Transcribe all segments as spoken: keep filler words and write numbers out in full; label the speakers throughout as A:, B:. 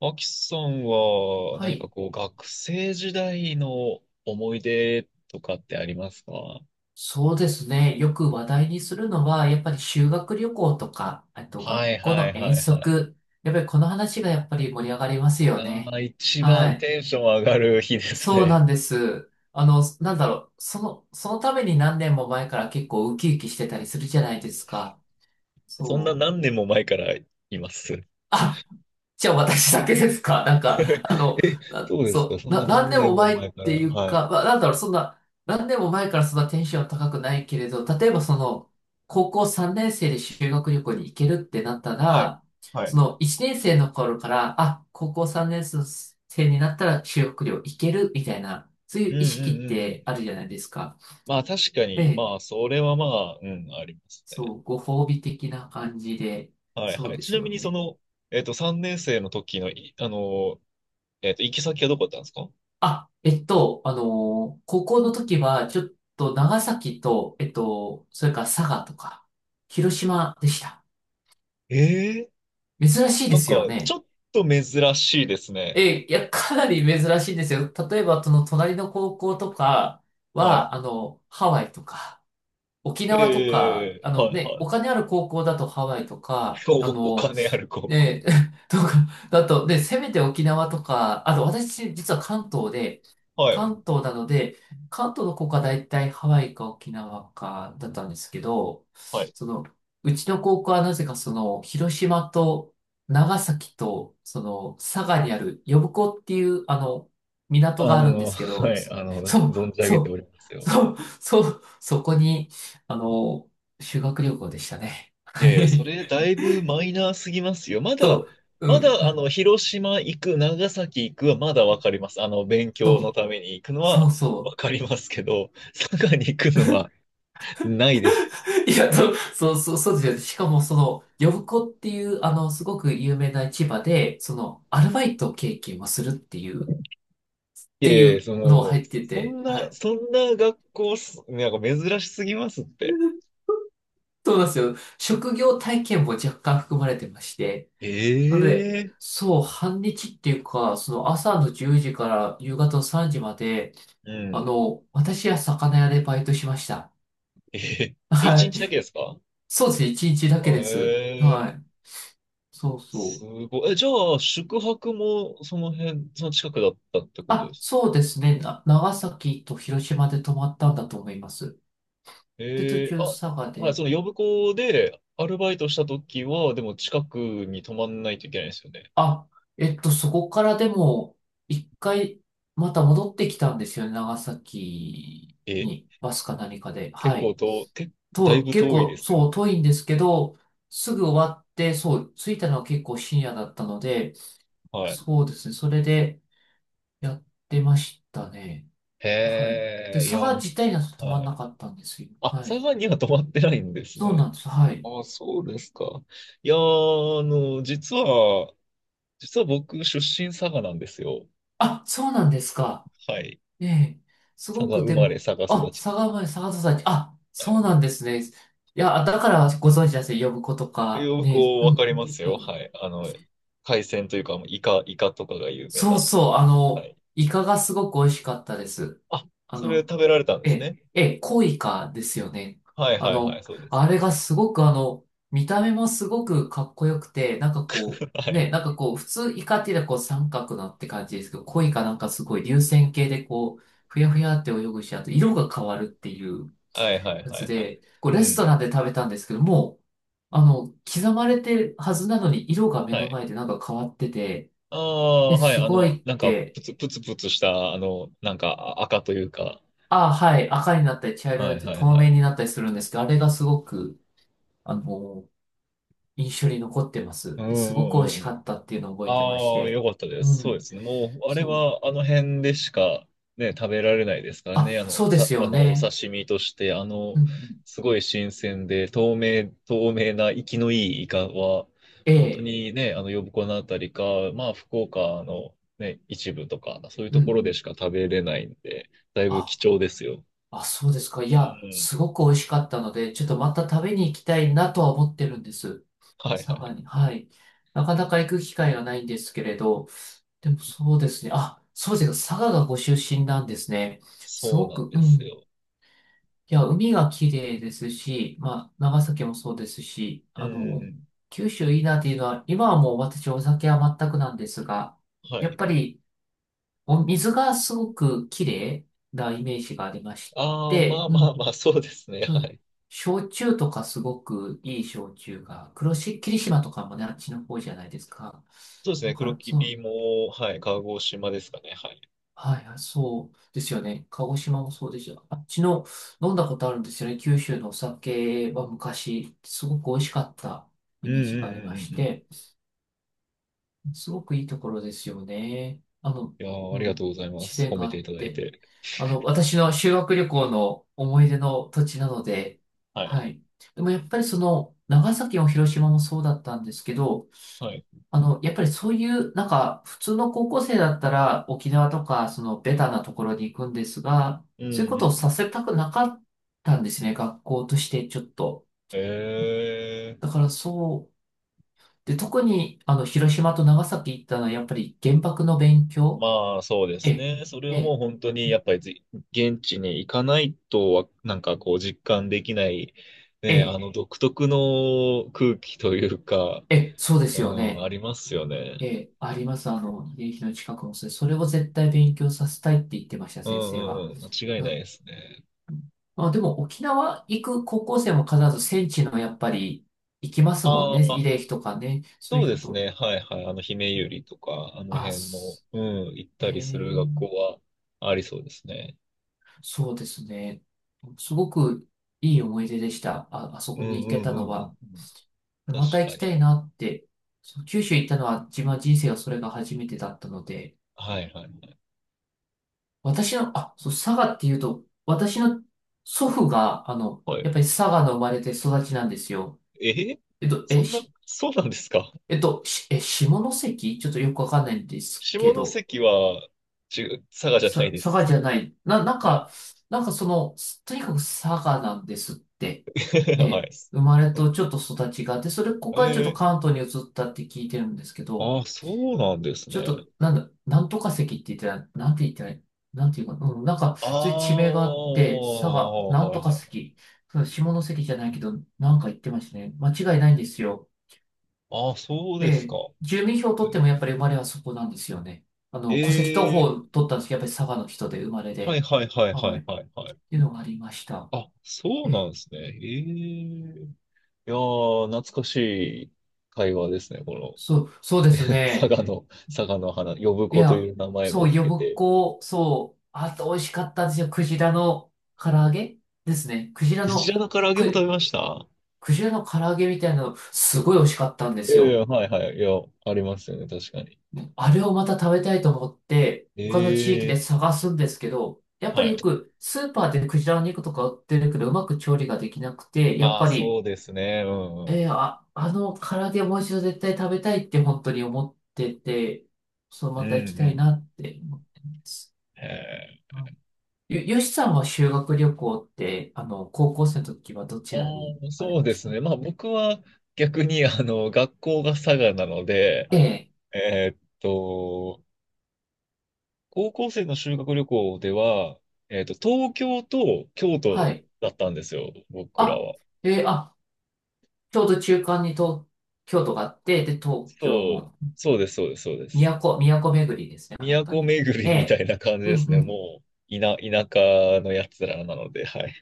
A: アキさんは
B: は
A: 何か
B: い。
A: こう学生時代の思い出とかってありますか？は
B: そうですね。よく話題にするのは、やっぱり修学旅行とか、あ
A: い
B: と
A: は
B: 学
A: い
B: 校
A: は
B: の
A: い
B: 遠
A: はい。
B: 足。やっぱりこの話がやっぱり盛り上がりますよ
A: あ
B: ね。
A: あ、一
B: は
A: 番
B: い。
A: テンション上がる日です
B: そう
A: ね。
B: なんです。あの、なんだろう。その、そのために何年も前から結構ウキウキしてたりするじゃないですか。
A: そんな
B: そう。
A: 何年も前からいます。
B: あ、じゃあ私だけですか？ なんか、あの、
A: え、
B: な
A: そうですか。
B: そ
A: そ
B: う、
A: んな
B: な、何
A: 何
B: 年
A: 年
B: も
A: も
B: 前っ
A: 前から。
B: ていう
A: はい。
B: か、まあ、なんだろう、そんな、何年も前からそんなテンション高くないけれど、例えばその、高校さんねん生で修学旅行に行けるってなった
A: はい。
B: ら、
A: は
B: そ
A: い。
B: のいちねん生の頃から、あ、高校さんねん生になったら修学旅行行けるみたいな、そうい
A: うん
B: う意
A: うん
B: 識っ
A: うんう
B: て
A: ん。
B: あるじゃないですか。
A: まあ確か
B: え
A: に、
B: え、
A: まあそれはまあ、うん、ありますね。
B: そう、ご褒美的な感じで、
A: はい
B: そ
A: は
B: う
A: い。
B: で
A: ち
B: す
A: な
B: よ
A: みにそ
B: ね。
A: の、えっと、さんねん生の時のい、あの、えっと、行き先はどこだったんですか？
B: あ、えっと、あのー高校の時は、ちょっと長崎と、えっと、それから佐賀とか、広島でした。
A: ええ、
B: 珍しい
A: な
B: で
A: ん
B: す
A: か、
B: よ
A: ち
B: ね。
A: ょっと珍しいですね。
B: え、いや、かなり珍しいんですよ。例えば、その隣の高校とか
A: はい。
B: は、あの、ハワイとか、沖縄とか、
A: ええ
B: あ
A: は
B: の
A: い
B: ね、
A: はい
B: お
A: はい。
B: 金ある高校だとハワイとか、
A: お、
B: あ
A: お
B: の、
A: 金ある高校。
B: で、とか、だと、で、せめて沖縄とか、あと私、実は関東で、
A: はい。
B: 関東なので、関東の子が大体ハワイか沖縄かだったんですけど、
A: はい。
B: その、うちの高校はなぜかその、広島と長崎と、その、佐賀にある呼子っていう、あの、港
A: あ
B: があるんで
A: の、
B: すけど、
A: はい、あの、
B: そう、
A: 存じ上
B: そ
A: げてお
B: う、
A: りますよ。
B: そう、そう、そこに、あの、修学旅行でしたね。
A: い
B: は
A: やいや、そ
B: い。
A: れだいぶマイナーすぎますよ。ま
B: そ
A: だ、
B: う、う
A: まだ、あ
B: ん。
A: の、広島行く、長崎行くはまだわかります。あの、勉
B: そ
A: 強の
B: う
A: ために行くの
B: そ
A: は
B: う
A: わ
B: そ
A: かりますけど、佐賀に行くのはないです。
B: う。いや、そう、そうそうそうですよね。しかも、その、呼子っていう、あの、すごく有名な市場で、その、アルバイト経験をするっていう、っ
A: い
B: てい
A: えいえ、
B: う
A: そ
B: のを
A: の、
B: 入って
A: そ
B: て、
A: ん
B: は
A: な、
B: い。
A: そんな学校す、なんか珍しすぎますって。
B: そうなんですよ。職業体験も若干含まれてまして。なので、
A: ええ、
B: そう、半日っていうか、その朝のじゅうじから夕方のさんじまで、
A: う
B: あ
A: ん。
B: の、私は魚屋でバイトしました。
A: えへえ、一
B: はい。
A: 日だけですか？
B: そうですね、いちにちだけです。
A: え
B: はい。
A: え、
B: そうそ
A: す
B: う。
A: ごい。え、じゃあ、宿泊もその辺、その近くだったってことで
B: あ、
A: す。
B: そうですね。な、長崎と広島で泊まったんだと思います。で、途
A: ええ、
B: 中
A: あ、
B: 佐賀
A: はい、
B: で。
A: その呼子でアルバイトした時は、でも近くに泊まんないといけないですよね。
B: あ、えっと、そこからでも、一回、また戻ってきたんですよね。長崎
A: え、
B: に、バスか何かで。
A: 結
B: は
A: 構
B: い。
A: と、け、だい
B: と、
A: ぶ
B: 結
A: 遠いで
B: 構、
A: す
B: そう、
A: よ。
B: 遠いんですけど、すぐ終わって、そう、着いたのは結構深夜だったので、
A: はい。
B: そうですね。それでやってましたね。はい。で、
A: へえ、い
B: 佐
A: や、
B: 賀自体には泊まん
A: は
B: な
A: い。
B: かったんですよ。
A: あ、
B: は
A: 佐
B: い。
A: 賀には泊まってないんです
B: そうな
A: ね。
B: んです。はい。
A: あ、そうですか。いやー、あの、実は、実は僕、出身佐賀なんですよ。
B: あ、そうなんですか。
A: はい。
B: ええ。す
A: 佐
B: ご
A: 賀
B: く
A: 生
B: で
A: まれ、
B: も、
A: 佐賀
B: あ、
A: 育ち。
B: 佐賀前、佐賀崎、あ、
A: は
B: そう
A: い。
B: なんですね。いや、だからご存知ですね。呼ぶ子とか、
A: よく
B: ね、う
A: わか
B: ん、
A: ります
B: 確か
A: よ。は
B: に。
A: い。あの、海鮮というか、イカ、イカとかが有名な。
B: そうそう、あ
A: は
B: の、
A: い。
B: イカがすごく美味しかったです。
A: あ、
B: あ
A: それ
B: の、
A: 食べられたんです
B: え、
A: ね。
B: え、コイカですよね。
A: はい
B: あ
A: はいは
B: の、
A: い、そうです。
B: あ
A: そう
B: れ
A: です。
B: がすごくあの、見た目もすごくかっこよくて、なんかこ
A: は
B: う、ね、
A: い。
B: なんかこう、普通イカっていうのはこう三角なって感じですけど、コイカなんかすごい流線形でこう、ふやふやって泳ぐし、あと色が変わるっていう
A: はいはい
B: や
A: は
B: つ
A: いはい。
B: で、こう
A: う
B: レスト
A: ん。
B: ランで食べたんですけども、あの、刻まれてるはずなのに色が目
A: は
B: の
A: い。
B: 前でなんか変わってて、
A: あ
B: え、
A: あ、はい。
B: す
A: あ
B: ごい
A: の、
B: っ
A: なんか、
B: て、
A: プツプツプツした、あの、なんか、あ、赤というか。
B: ああ、はい、赤になったり茶色に
A: は
B: な
A: い
B: ったり
A: はい
B: 透
A: は
B: 明
A: い。
B: になったりするんですけど、あれがすごく、あの、印象に残ってま
A: う
B: す。
A: んう
B: で、すごく美味
A: ん
B: し
A: うんう
B: か
A: ん。
B: ったっていうのを覚えてまし
A: ああ、よ
B: て。
A: かったで
B: う
A: す。そうで
B: ん、
A: すね。もう、あれ
B: そう。
A: はあの辺でしかね、食べられないですから
B: あ、
A: ね。あの、
B: そうで
A: さ、
B: す
A: あ
B: よ
A: の、お
B: ね。
A: 刺身として、あ
B: う
A: の、
B: ん、うん、
A: すごい新鮮で、透明、透明な、生きのいいイカは、
B: え
A: 本当
B: え、
A: にね、あの、呼子のあたりか、まあ、福岡のね、一部とか、そういう
B: うん、
A: と
B: う
A: ころで
B: ん。
A: しか食べれないんで、だいぶ貴
B: あ、
A: 重ですよ。
B: あ、そうですか。い
A: う
B: や、
A: ん。
B: すごく美味しかったので、ちょっとまた食べに行きたいなとは思ってるんです。
A: はいは
B: 佐賀
A: い。
B: に。はい。なかなか行く機会がないんですけれど、でもそうですね。あ、そうですか。佐賀がご出身なんですね。す
A: そう
B: ご
A: なん
B: く、う
A: です
B: ん。
A: よ。
B: いや、海が綺麗ですし、まあ、長崎もそうですし、
A: うん
B: あ
A: うんう
B: の、
A: ん。
B: 九州いいなっていうのは、今はもう私お酒は全くなんですが、
A: は
B: やっ
A: い。
B: ぱりお水がすごく綺麗なイメージがありまし
A: ああ、ま
B: て、
A: あ
B: う
A: まあ
B: ん、
A: まあ、そうですね。
B: そ
A: は
B: う、
A: い。
B: 焼酎とかすごくいい焼酎が、黒し、霧島とかもね、あっちの方じゃないですか。
A: そうです
B: だ
A: ね、
B: か
A: 黒
B: ら、そ
A: 霧
B: の
A: も、はい、鹿児島ですかね、はい。
B: はいはい、そうですよね。鹿児島もそうですよ。あっちの飲んだことあるんですよね。九州のお酒は昔、すごく美味しかった
A: う
B: イ
A: んう
B: メージ
A: んう
B: があり
A: んう
B: まし
A: んうん。
B: て、すごくいいところですよね。あの、
A: いやー、あ
B: う
A: り
B: ん、
A: がとうございま
B: 自
A: す。
B: 然
A: 褒
B: が
A: め
B: あ
A: てい
B: っ
A: ただい
B: て。
A: て。
B: あの、私の修学旅行の思い出の土地なので、
A: はい。
B: はい。でもやっぱりその、長崎も広島もそうだったんですけど、
A: はい。
B: あの、やっぱりそういう、なんか、普通の高校生だったら沖縄とか、そのベタなところに行くんですが、
A: うん
B: そうい
A: う
B: う
A: ん
B: こ
A: う
B: とをさ
A: ん。
B: せたくなかったんですね、学校としてちょっと。
A: えー、
B: だから、そう、で、特に、あの、広島と長崎行ったのは、やっぱり原爆の勉強、
A: まあ、そうです
B: え、
A: ね。それはもう
B: え、
A: 本当にやっぱりぜ現地に行かないとわ、なんかこう実感できない、ね、あ
B: え、
A: の独特の空気というか、
B: え、そうで
A: う
B: すよ
A: ん、あ
B: ね。
A: りますよね。
B: え、あります。あの、慰霊碑の近くもそれ、それを絶対勉強させたいって言ってました、
A: う
B: 先
A: んう
B: 生は。
A: んうん。間違いないですね。
B: あ、でも沖縄行く高校生も必ず戦地のやっぱり行きますもん
A: あ
B: ね。慰
A: あ、
B: 霊碑とかね。そう
A: そ
B: い
A: う
B: う
A: で
B: こ
A: す
B: と。
A: ね。はいはい。あの、姫ゆりとか、あの
B: あ、
A: 辺の、
B: す
A: うん、行っ
B: え
A: たりす
B: ー、
A: る学校はありそうですね。
B: そうですね。すごくいい思い出でした。あ、あそ
A: う
B: こに
A: ん
B: 行
A: う
B: け
A: んう
B: た
A: ん
B: の
A: うんうん。
B: は。
A: 確
B: また行
A: か
B: きた
A: に。
B: いなって。そう、九州行ったのは自分は人生はそれが初めてだったので、
A: はいはいはい。
B: 私の、あ、そう、佐賀っていうと、私の祖父が、あの、
A: はい。
B: やっぱり佐賀の生まれて育ちなんですよ。
A: えー
B: えっと、
A: そ
B: え、
A: んな、そうなんですか？
B: えっと、し、え、下関ちょっとよくわかんないんです
A: 下
B: けど、
A: 関は、ち、佐賀じゃな
B: さ、
A: いで
B: 佐賀
A: す。
B: じゃない。な、なん
A: はい。
B: か、なんかその、とにかく佐賀なんですって。
A: は
B: え、生
A: い。
B: まれとちょっと育ちがあって、それ、ここからちょっと
A: え
B: 関東に移ったって聞いてるんですけ
A: ー、
B: ど、
A: ああ、そうなんです
B: ちょっ
A: ね。
B: と、なんだ、なんとか関って言ってたら、なんて言ったら、なんていうか、うん、なんか、
A: あ
B: そういう地名があっ
A: あ、
B: て、佐賀、なん
A: は
B: と
A: い
B: か
A: はい。
B: 関、そう下関じゃないけど、なんか言ってましたね。間違いないんですよ。
A: ああ、そう
B: え
A: ですか。
B: え、住民票を取ってもやっぱり生まれはそこなんですよね。あ
A: え
B: の、戸籍謄本を
A: ー、
B: 取ったんですけど、やっぱり佐賀の人で生まれ
A: はい
B: で、
A: はいはいは
B: はい、
A: い
B: っ
A: はいはい。
B: ていうのがありました。
A: あ、そう
B: え
A: なん
B: え、
A: ですね。ええ。いやー、懐かしい会話ですね、この。
B: そう、そうです
A: 佐
B: ね。
A: 賀の、佐賀の花、呼
B: い
A: 子とい
B: や、
A: う名前も
B: そう、
A: 聞け
B: 呼
A: て。
B: 子、そう、あと美味しかったんですよ。クジラの唐揚げですね。クジラ
A: クジ
B: の、
A: ラの唐揚げも食べ
B: く、
A: ました。
B: クジラの唐揚げみたいなの、すごい美味しかったんで
A: い
B: す
A: やいや、
B: よ。
A: はいはい、いや、ありますよね、確かに。
B: あれをまた食べたいと思って、他の地域
A: え
B: で
A: え、
B: 探すんですけど、やっぱ
A: は
B: りよ
A: い。
B: くスーパーでクジラの肉とか売ってるけど、うまく調理ができなくて、やっ
A: まあ、
B: ぱ
A: そ
B: り、
A: うですね、うん、うん、
B: えー、あ、あの唐揚げもう一度絶対食べたいって本当に思ってて、そう、
A: うん
B: ま
A: う
B: た行きたい
A: ん。
B: なって思ってます。う
A: え
B: んよ、よしさんは修学旅行って、あの、高校生の時はど
A: ー、
B: ちらに
A: あー、
B: 行かれ
A: そう
B: ま
A: で
B: し
A: す
B: た？
A: ね。まあ、僕は逆に、あの、学校が佐賀なので、
B: ええ、
A: えーっと、高校生の修学旅行では、えっと、東京と京都
B: はい。
A: だったんですよ、僕ら
B: あ、
A: は。
B: ええ、あ、ちょうど中間に東京都があって、で、東京
A: そう、
B: も。
A: そうです、そうです、そうです。
B: 都、都巡りですね、本当
A: 都
B: に。
A: 巡
B: え
A: りみた
B: え。
A: いな感じ
B: う
A: で
B: ん
A: す
B: う
A: ね、
B: ん。
A: もう、田、田舎のやつらなので、はい。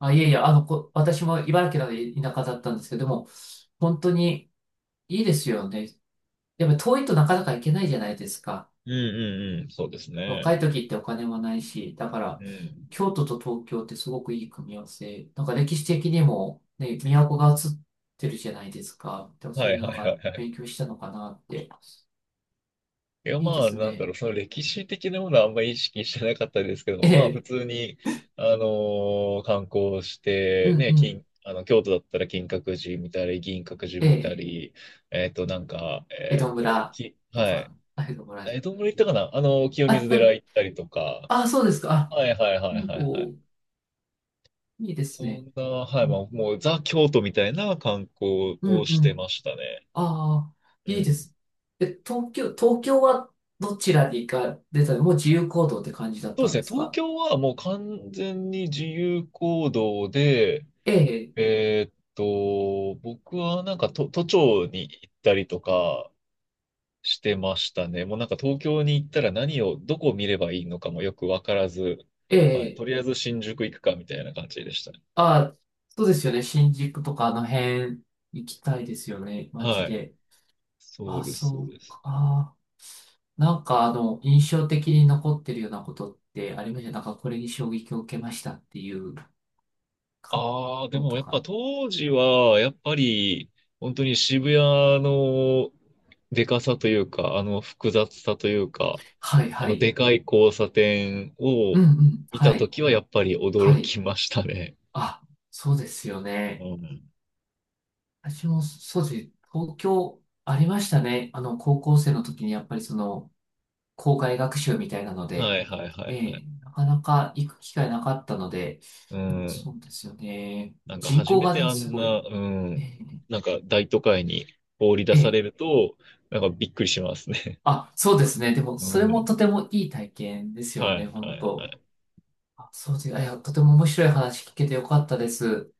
B: あ、いえいえ、あの、こ、私も茨城なので田舎だったんですけども、本当にいいですよね。でも遠いとなかなか行けないじゃないですか。
A: うんうんうん、そうですね。
B: 若い時ってお金もないし、だか
A: う
B: ら、
A: ん。
B: 京都と東京ってすごくいい組み合わせ。なんか歴史的にも、ね、都が映ってるじゃないですか。でもそ
A: は
B: ういう
A: い
B: のなん
A: はいはい
B: か
A: はい。
B: 勉強したのかなって。
A: いや、
B: いいで
A: まあ、
B: す
A: なんだ
B: ね。
A: ろう、その歴史的なものはあんまり意識してなかったですけども、
B: え
A: まあ、普
B: え、
A: 通に、あのー観光し
B: う
A: て、
B: ん
A: ね、
B: うん。
A: 金、あの、京都だったら金閣寺見たり、銀閣寺
B: え
A: 見た
B: え、
A: り、えっと、なんか、
B: 江
A: えっ
B: 戸
A: と、
B: 村
A: き、
B: と
A: はい。
B: か、江戸村
A: え、どんぐらい行ったかな。あの、清
B: あ、
A: 水寺
B: た、
A: 行ったりとか、
B: あ、そうですか。
A: はいはい
B: あ、
A: はいはいはい。
B: お、いいで
A: そ
B: すね。
A: んな、はい、
B: う
A: ま
B: ん、
A: あ、もう、ザ・京都みたいな観光
B: う
A: を
B: ん、
A: し
B: う
A: てま
B: ん。
A: したね。
B: ああ、いい
A: う
B: で
A: ん。
B: す。え、東京、東京はどちらに行かれたの？もう自由行動って感じだっ
A: そうで
B: た
A: す
B: んで
A: ね、
B: す
A: 東
B: か？
A: 京はもう完全に自由行動で、
B: ええ、
A: えーっと、僕はなんか都、都庁に行ったりとかしてましたね。もうなんか東京に行ったら何を、どこを見ればいいのかもよくわからず、
B: え
A: はい、
B: え、
A: とりあえず新宿行くかみたいな感じでしたね。
B: あ、そうですよね。新宿とかあの辺行きたいですよね。街
A: はい。
B: で。あ
A: そう
B: あ、
A: です、そ
B: そ
A: う
B: う
A: です。
B: か。あ、なんかあの、印象的に残ってるようなことってありました？なんかこれに衝撃を受けましたっていうか、
A: ああ、で
B: の
A: も
B: と
A: やっ
B: か。
A: ぱ当時は、やっぱり本当に渋谷のでかさというか、あの複雑さというか、
B: はい、
A: あ
B: は
A: の
B: い。
A: でかい交差点
B: う
A: を
B: んうん。
A: 見
B: は
A: たと
B: い。
A: きはやっぱり驚
B: はい。
A: きましたね。
B: あ、そうですよ
A: う
B: ね。
A: ん。
B: 私も、そうです。東京ありましたね。あの、高校生の時にやっぱりその、校外学習みたいなの
A: は
B: で、
A: いはいは
B: え
A: いは
B: え、
A: い。
B: なかなか行く機会なかったので、
A: う
B: でもそ
A: ん。
B: うですよね。
A: なんか
B: 人
A: 初
B: 口
A: め
B: が
A: て
B: ね、
A: あ
B: す
A: ん
B: ご
A: な、
B: い。
A: うん。
B: え
A: なんか大都会に放り出
B: え、え
A: され
B: え。
A: ると、なんかびっくりしますね。
B: あ、そうですね。でも、
A: う
B: それも
A: ん。
B: とてもいい体験ですよ
A: は
B: ね、
A: い
B: 本
A: はいは
B: 当。
A: い。
B: あ、そうです。あ、いや、とても面白い話聞けてよかったです。